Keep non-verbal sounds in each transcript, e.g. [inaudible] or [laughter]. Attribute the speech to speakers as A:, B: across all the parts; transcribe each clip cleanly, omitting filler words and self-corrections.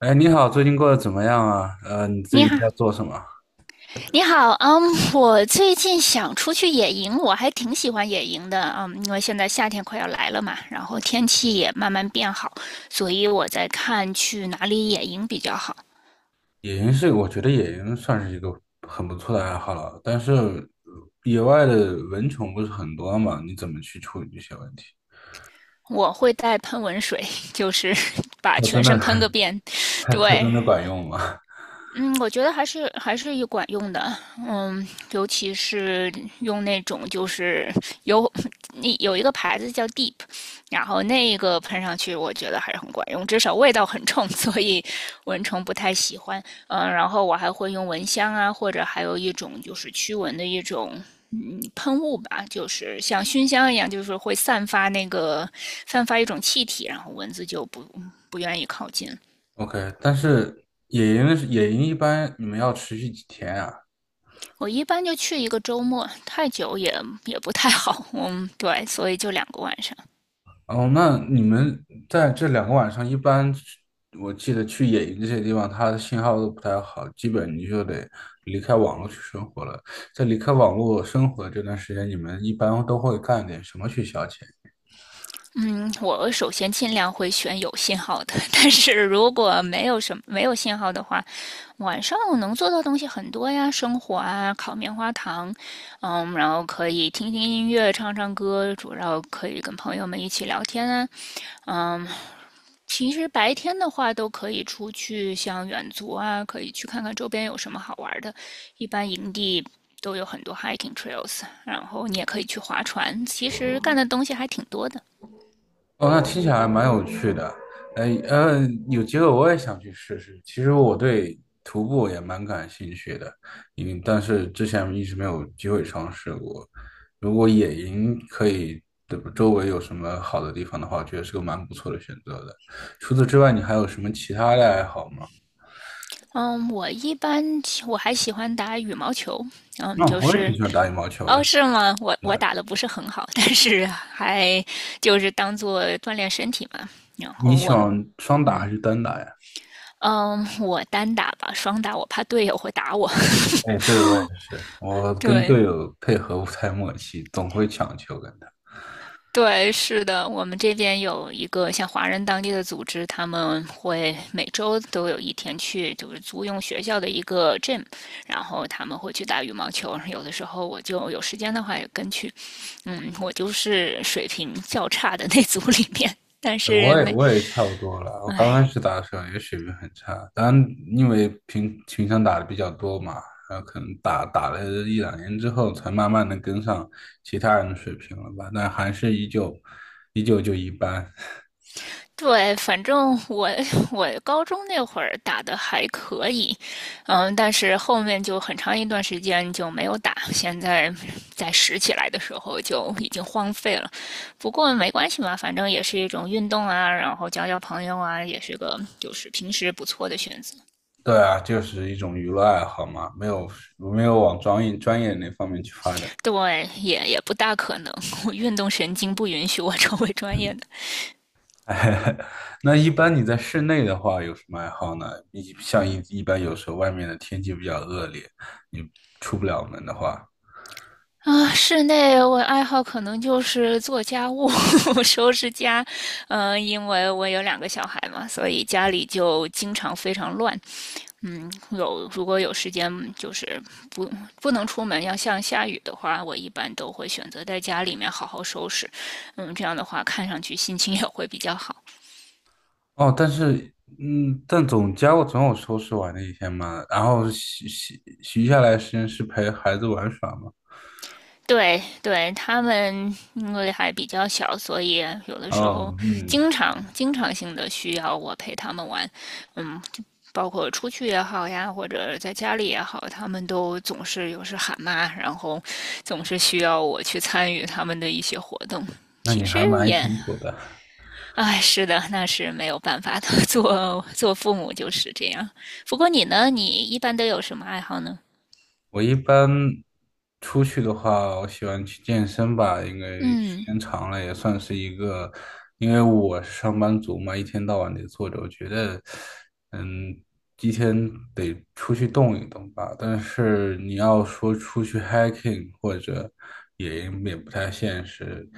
A: 哎，你好，最近过得怎么样啊？你
B: 你
A: 最近
B: 好，
A: 在做什么？
B: 你好，我最近想出去野营，我还挺喜欢野营的，因为现在夏天快要来了嘛，然后天气也慢慢变好，所以我在看去哪里野营比较好。
A: 野营是，我觉得野营算是一个很不错的爱好了，但是野外的蚊虫不是很多嘛，你怎么去处理这些问题？
B: 我会带喷蚊水，就是 [laughs] 把
A: 它
B: 全
A: 真的，
B: 身喷个遍。
A: [laughs] 它
B: 对，
A: 真的管用吗 [laughs]
B: 嗯，我觉得还是有管用的。嗯，尤其是用那种就是有，那有一个牌子叫 Deep，然后那个喷上去，我觉得还是很管用，至少味道很冲，[laughs] 所以蚊虫不太喜欢。嗯，然后我还会用蚊香啊，或者还有一种就是驱蚊的一种喷雾吧，就是像熏香一样，就是会散发那个，散发一种气体，然后蚊子就不愿意靠近了。
A: ？OK，但是野营一般你们要持续几天啊？
B: 我一般就去一个周末，太久也不太好。嗯，对，所以就两个晚上。
A: 哦，那你们在这两个晚上，一般去我记得去野营这些地方，它的信号都不太好，基本你就得离开网络去生活了。在离开网络生活这段时间，你们一般都会干点什么去消遣？
B: 嗯，我首先尽量会选有信号的，[laughs] 但是如果没有信号的话，晚上我能做到东西很多呀，生火啊，烤棉花糖，嗯，然后可以听听音乐，唱唱歌，主要可以跟朋友们一起聊天啊。嗯，其实白天的话都可以出去，像远足啊，可以去看看周边有什么好玩的。一般营地都有很多 hiking trails,然后你也可以去划船。其实干的东西还挺多的。
A: 哦，那听起来蛮有趣的。有机会我也想去试试。其实我对徒步也蛮感兴趣的，嗯，但是之前一直没有机会尝试过。如果野营可以，对吧，周围有什么好的地方的话，我觉得是个蛮不错的选择的。除此之外，你还有什么其他的爱好吗？
B: 嗯，我一般我还喜欢打羽毛球。嗯，
A: 那、
B: 就
A: 我也挺
B: 是
A: 喜欢打羽毛球
B: 哦，
A: 的。
B: 是吗？我
A: 对，
B: 我打的不是很好，但是还就是当做锻炼身体嘛。然
A: 你
B: 后
A: 喜
B: 我
A: 欢双打
B: 嗯
A: 还是单打呀？
B: 嗯，我单打吧，双打我怕队友会打我。
A: 哎，对，我也是，我
B: [laughs]
A: 跟
B: 对。
A: 队友配合不太默契，总会抢球跟他。
B: 对，是的，我们这边有一个像华人当地的组织，他们会每周都有一天去，就是租用学校的一个 gym,然后他们会去打羽毛球。有的时候我就有时间的话也跟去，嗯，我就是水平较差的那组里面，但是
A: 我也
B: 没，
A: 差不多了。我刚开
B: 唉，
A: 始打的时候也水平很差，当然因为平常打的比较多嘛，然后可能打了一两年之后，才慢慢的跟上其他人的水平了吧。但还是依旧就一般。[laughs]
B: 对，反正我，我高中那会儿打的还可以。嗯，但是后面就很长一段时间就没有打，现在在拾起来的时候就已经荒废了。不过没关系嘛，反正也是一种运动啊，然后交交朋友啊，也是个就是平时不错的选择。
A: 对啊，就是一种娱乐爱好嘛，没有往专业那方面去发展。
B: 对，也不大可能，我运动神经不允许我成为专业的。
A: [laughs] 那一般你在室内的话有什么爱好呢？一像一一般有时候外面的天气比较恶劣，你出不了门的话。
B: 啊，室内我爱好可能就是做家务、[laughs] 收拾家。嗯，因为我有两个小孩嘛，所以家里就经常非常乱。嗯，有如果有时间，就是不不能出门，要像下雨的话，我一般都会选择在家里面好好收拾。嗯，这样的话看上去心情也会比较好。
A: 哦，但是，嗯，但我总有收拾完的一天嘛，然后洗下来时间是陪孩子玩耍嘛。
B: 对对，他们因为还比较小，所以有的时候
A: 哦，嗯，
B: 经常性的需要我陪他们玩。嗯，就包括出去也好呀，或者在家里也好，他们都总是有时喊妈，然后总是需要我去参与他们的一些活动。
A: 那
B: 其
A: 你还
B: 实
A: 蛮
B: 也，
A: 辛苦的。
B: 哎，是的，那是没有办法的，[laughs] 做做父母就是这样。不过你呢？你一般都有什么爱好呢？
A: 我一般出去的话，我喜欢去健身吧，因为时
B: 嗯
A: 间长了也算是一个，因为我是上班族嘛，一天到晚得坐着，我觉得，嗯，一天得出去动一动吧。但是你要说出去 hiking 或者也也不太现实，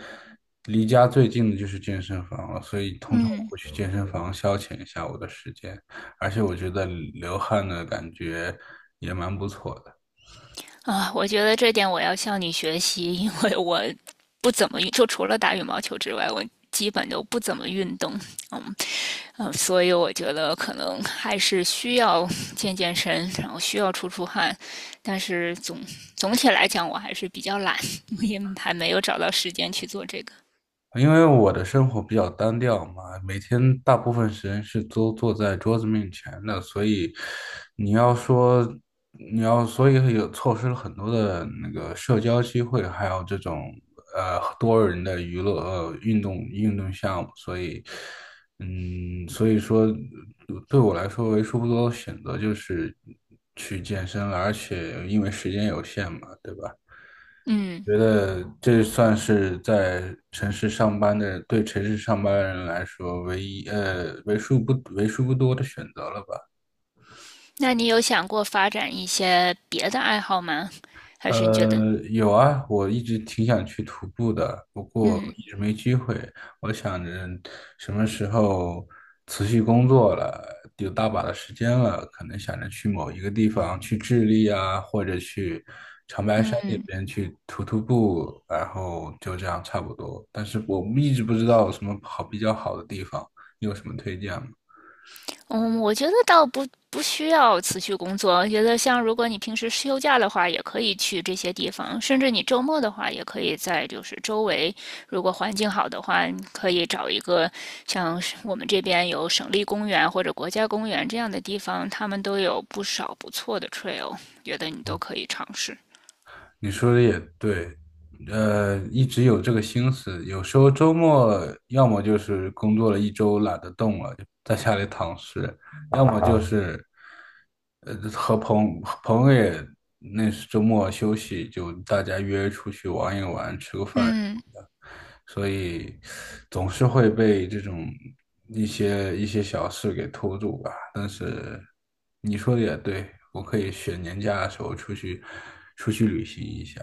A: 离家最近的就是健身房了，所以通常我
B: 嗯
A: 会去健身房消遣一下我的时间，而且我觉得流汗的感觉也蛮不错的。
B: 啊，我觉得这点我要向你学习，因为我不怎么运，就除了打羽毛球之外，我基本都不怎么运动。嗯嗯，所以我觉得可能还是需要健健身，然后需要出出汗。但是总体来讲，我还是比较懒，[laughs] 我也还没有找到时间去做这个。
A: 因为我的生活比较单调嘛，每天大部分时间是都坐在桌子面前的，所以你要说你要，所以有错失了很多的那个社交机会，还有这种多人的娱乐，运动项目，所以嗯，所以说对我来说为数不多的选择就是去健身了，而且因为时间有限嘛，对吧？
B: 嗯，
A: 觉得这算是在城市上班的，对城市上班人来说唯一，为数不多的选择了吧。
B: 那你有想过发展一些别的爱好吗？还是你觉得，
A: 呃，有啊，我一直挺想去徒步的，不过
B: 嗯
A: 一直没机会。我想着什么时候辞去工作了，有大把的时间了，可能想着去某一个地方，去智利啊，或者去长白山那
B: 嗯。
A: 边去徒步，然后就这样差不多。但是我一直不知道有什么好比较好的地方，你有什么推荐吗？
B: 嗯，我觉得倒不需要辞去工作。我觉得像如果你平时休假的话，也可以去这些地方，甚至你周末的话，也可以在就是周围，如果环境好的话，你可以找一个像是我们这边有省立公园或者国家公园这样的地方，他们都有不少不错的 trail,觉得你都可以尝试。
A: 你说的也对，呃，一直有这个心思，有时候周末要么就是工作了一周懒得动了，就在家里躺尸，要么就是，呃，和朋友也那是周末休息，就大家约出去玩一玩，吃个饭，
B: 嗯。
A: 所以总是会被这种一些小事给拖住吧。但是你说的也对，我可以选年假的时候出去旅行一下。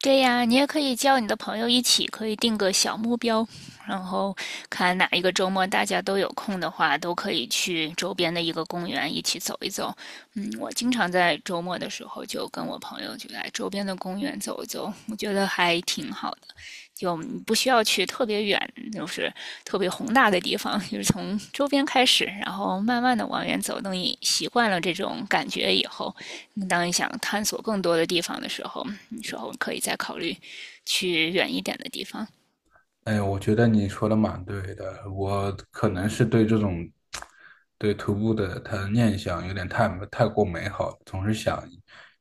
B: 对呀，你也可以叫你的朋友一起，可以定个小目标，然后看哪一个周末大家都有空的话，都可以去周边的一个公园一起走一走。嗯，我经常在周末的时候就跟我朋友就来周边的公园走一走，我觉得还挺好的。就你不需要去特别远，就是特别宏大的地方，就是从周边开始，然后慢慢的往远走。等你习惯了这种感觉以后，当你想探索更多的地方的时候，你说我可以再考虑去远一点的地方。
A: 哎，我觉得你说的蛮对的，我可能是对这种对徒步的他的念想有点太过美好了，总是想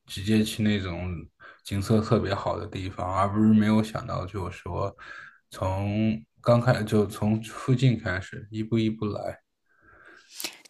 A: 直接去那种景色特别好的地方，而不是没有想到就是说从附近开始，一步一步来。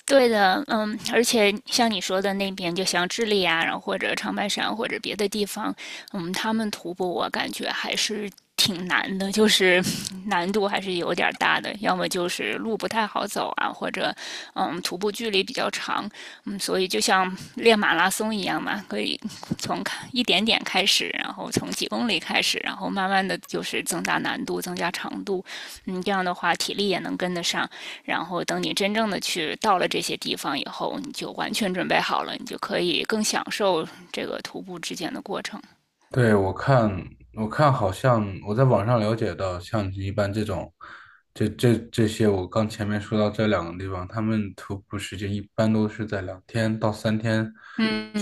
B: 对的，嗯，而且像你说的那边，就像智利啊，然后或者长白山或者别的地方，嗯，他们徒步我感觉还是挺难的，就是 [laughs] 难度还是有点儿大的，要么就是路不太好走啊，或者嗯，徒步距离比较长，嗯，所以就像练马拉松一样嘛，可以从一点点开始，然后从几公里开始，然后慢慢的就是增大难度，增加长度。嗯，这样的话体力也能跟得上。然后等你真正的去到了这些地方以后，你就完全准备好了，你就可以更享受这个徒步之间的过程。
A: 对，我看，我看，好像我在网上了解到，像一般这种，这些，我刚前面说到这两个地方，他们徒步时间一般都是在两天到三天以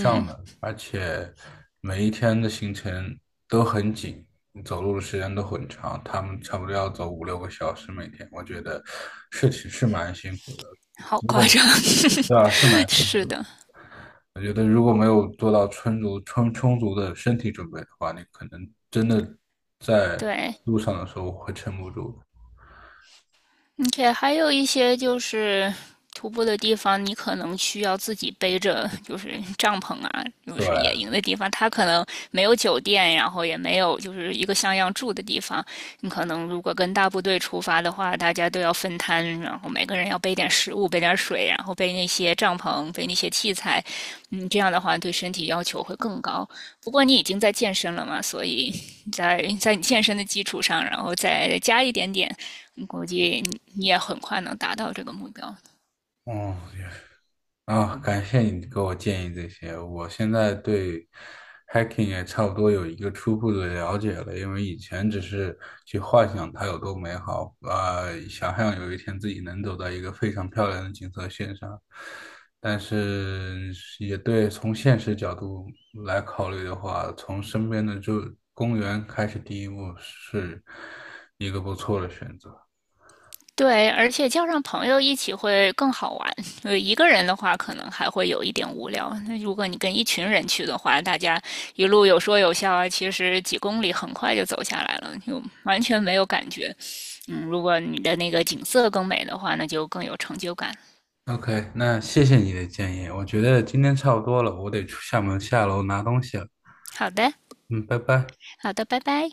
A: 上的，而且每一天的行程都很紧，走路的时间都很长，他们差不多要走五六个小时每天，我觉得是挺是蛮辛苦的。
B: 好
A: 如果
B: 夸张，
A: 对啊，是蛮
B: [laughs]
A: 辛
B: 是
A: 苦的。
B: 的，
A: 我觉得如果没有做到充足的身体准备的话，你可能真的在
B: 对。
A: 路上的时候会撑不住的。
B: 而且还有一些就是徒步的地方，你可能需要自己背着，就是帐篷啊，就
A: 对，
B: 是野营的地方，它可能没有酒店，然后也没有就是一个像样住的地方。你可能如果跟大部队出发的话，大家都要分摊，然后每个人要背点食物、背点水，然后背那些帐篷、背那些器材。嗯，这样的话对身体要求会更高。不过你已经在健身了嘛，所以在你健身的基础上，然后再加一点点，估计你也很快能达到这个目标。
A: 哦，也感谢你给我建议这些。我现在对 hacking 也差不多有一个初步的了解了，因为以前只是去幻想它有多美好，呃，想象有一天自己能走到一个非常漂亮的景色线上。但是也对，从现实角度来考虑的话，从身边的就公园开始第一步是一个不错的选择。
B: 对，而且叫上朋友一起会更好玩。呃，一个人的话可能还会有一点无聊。那如果你跟一群人去的话，大家一路有说有笑啊，其实几公里很快就走下来了，就完全没有感觉。嗯，如果你的那个景色更美的话，那就更有成就感。
A: OK，那谢谢你的建议，我觉得今天差不多了，我得出厦门下楼拿东西了。
B: 好的，
A: 嗯，拜拜。
B: 好的，拜拜。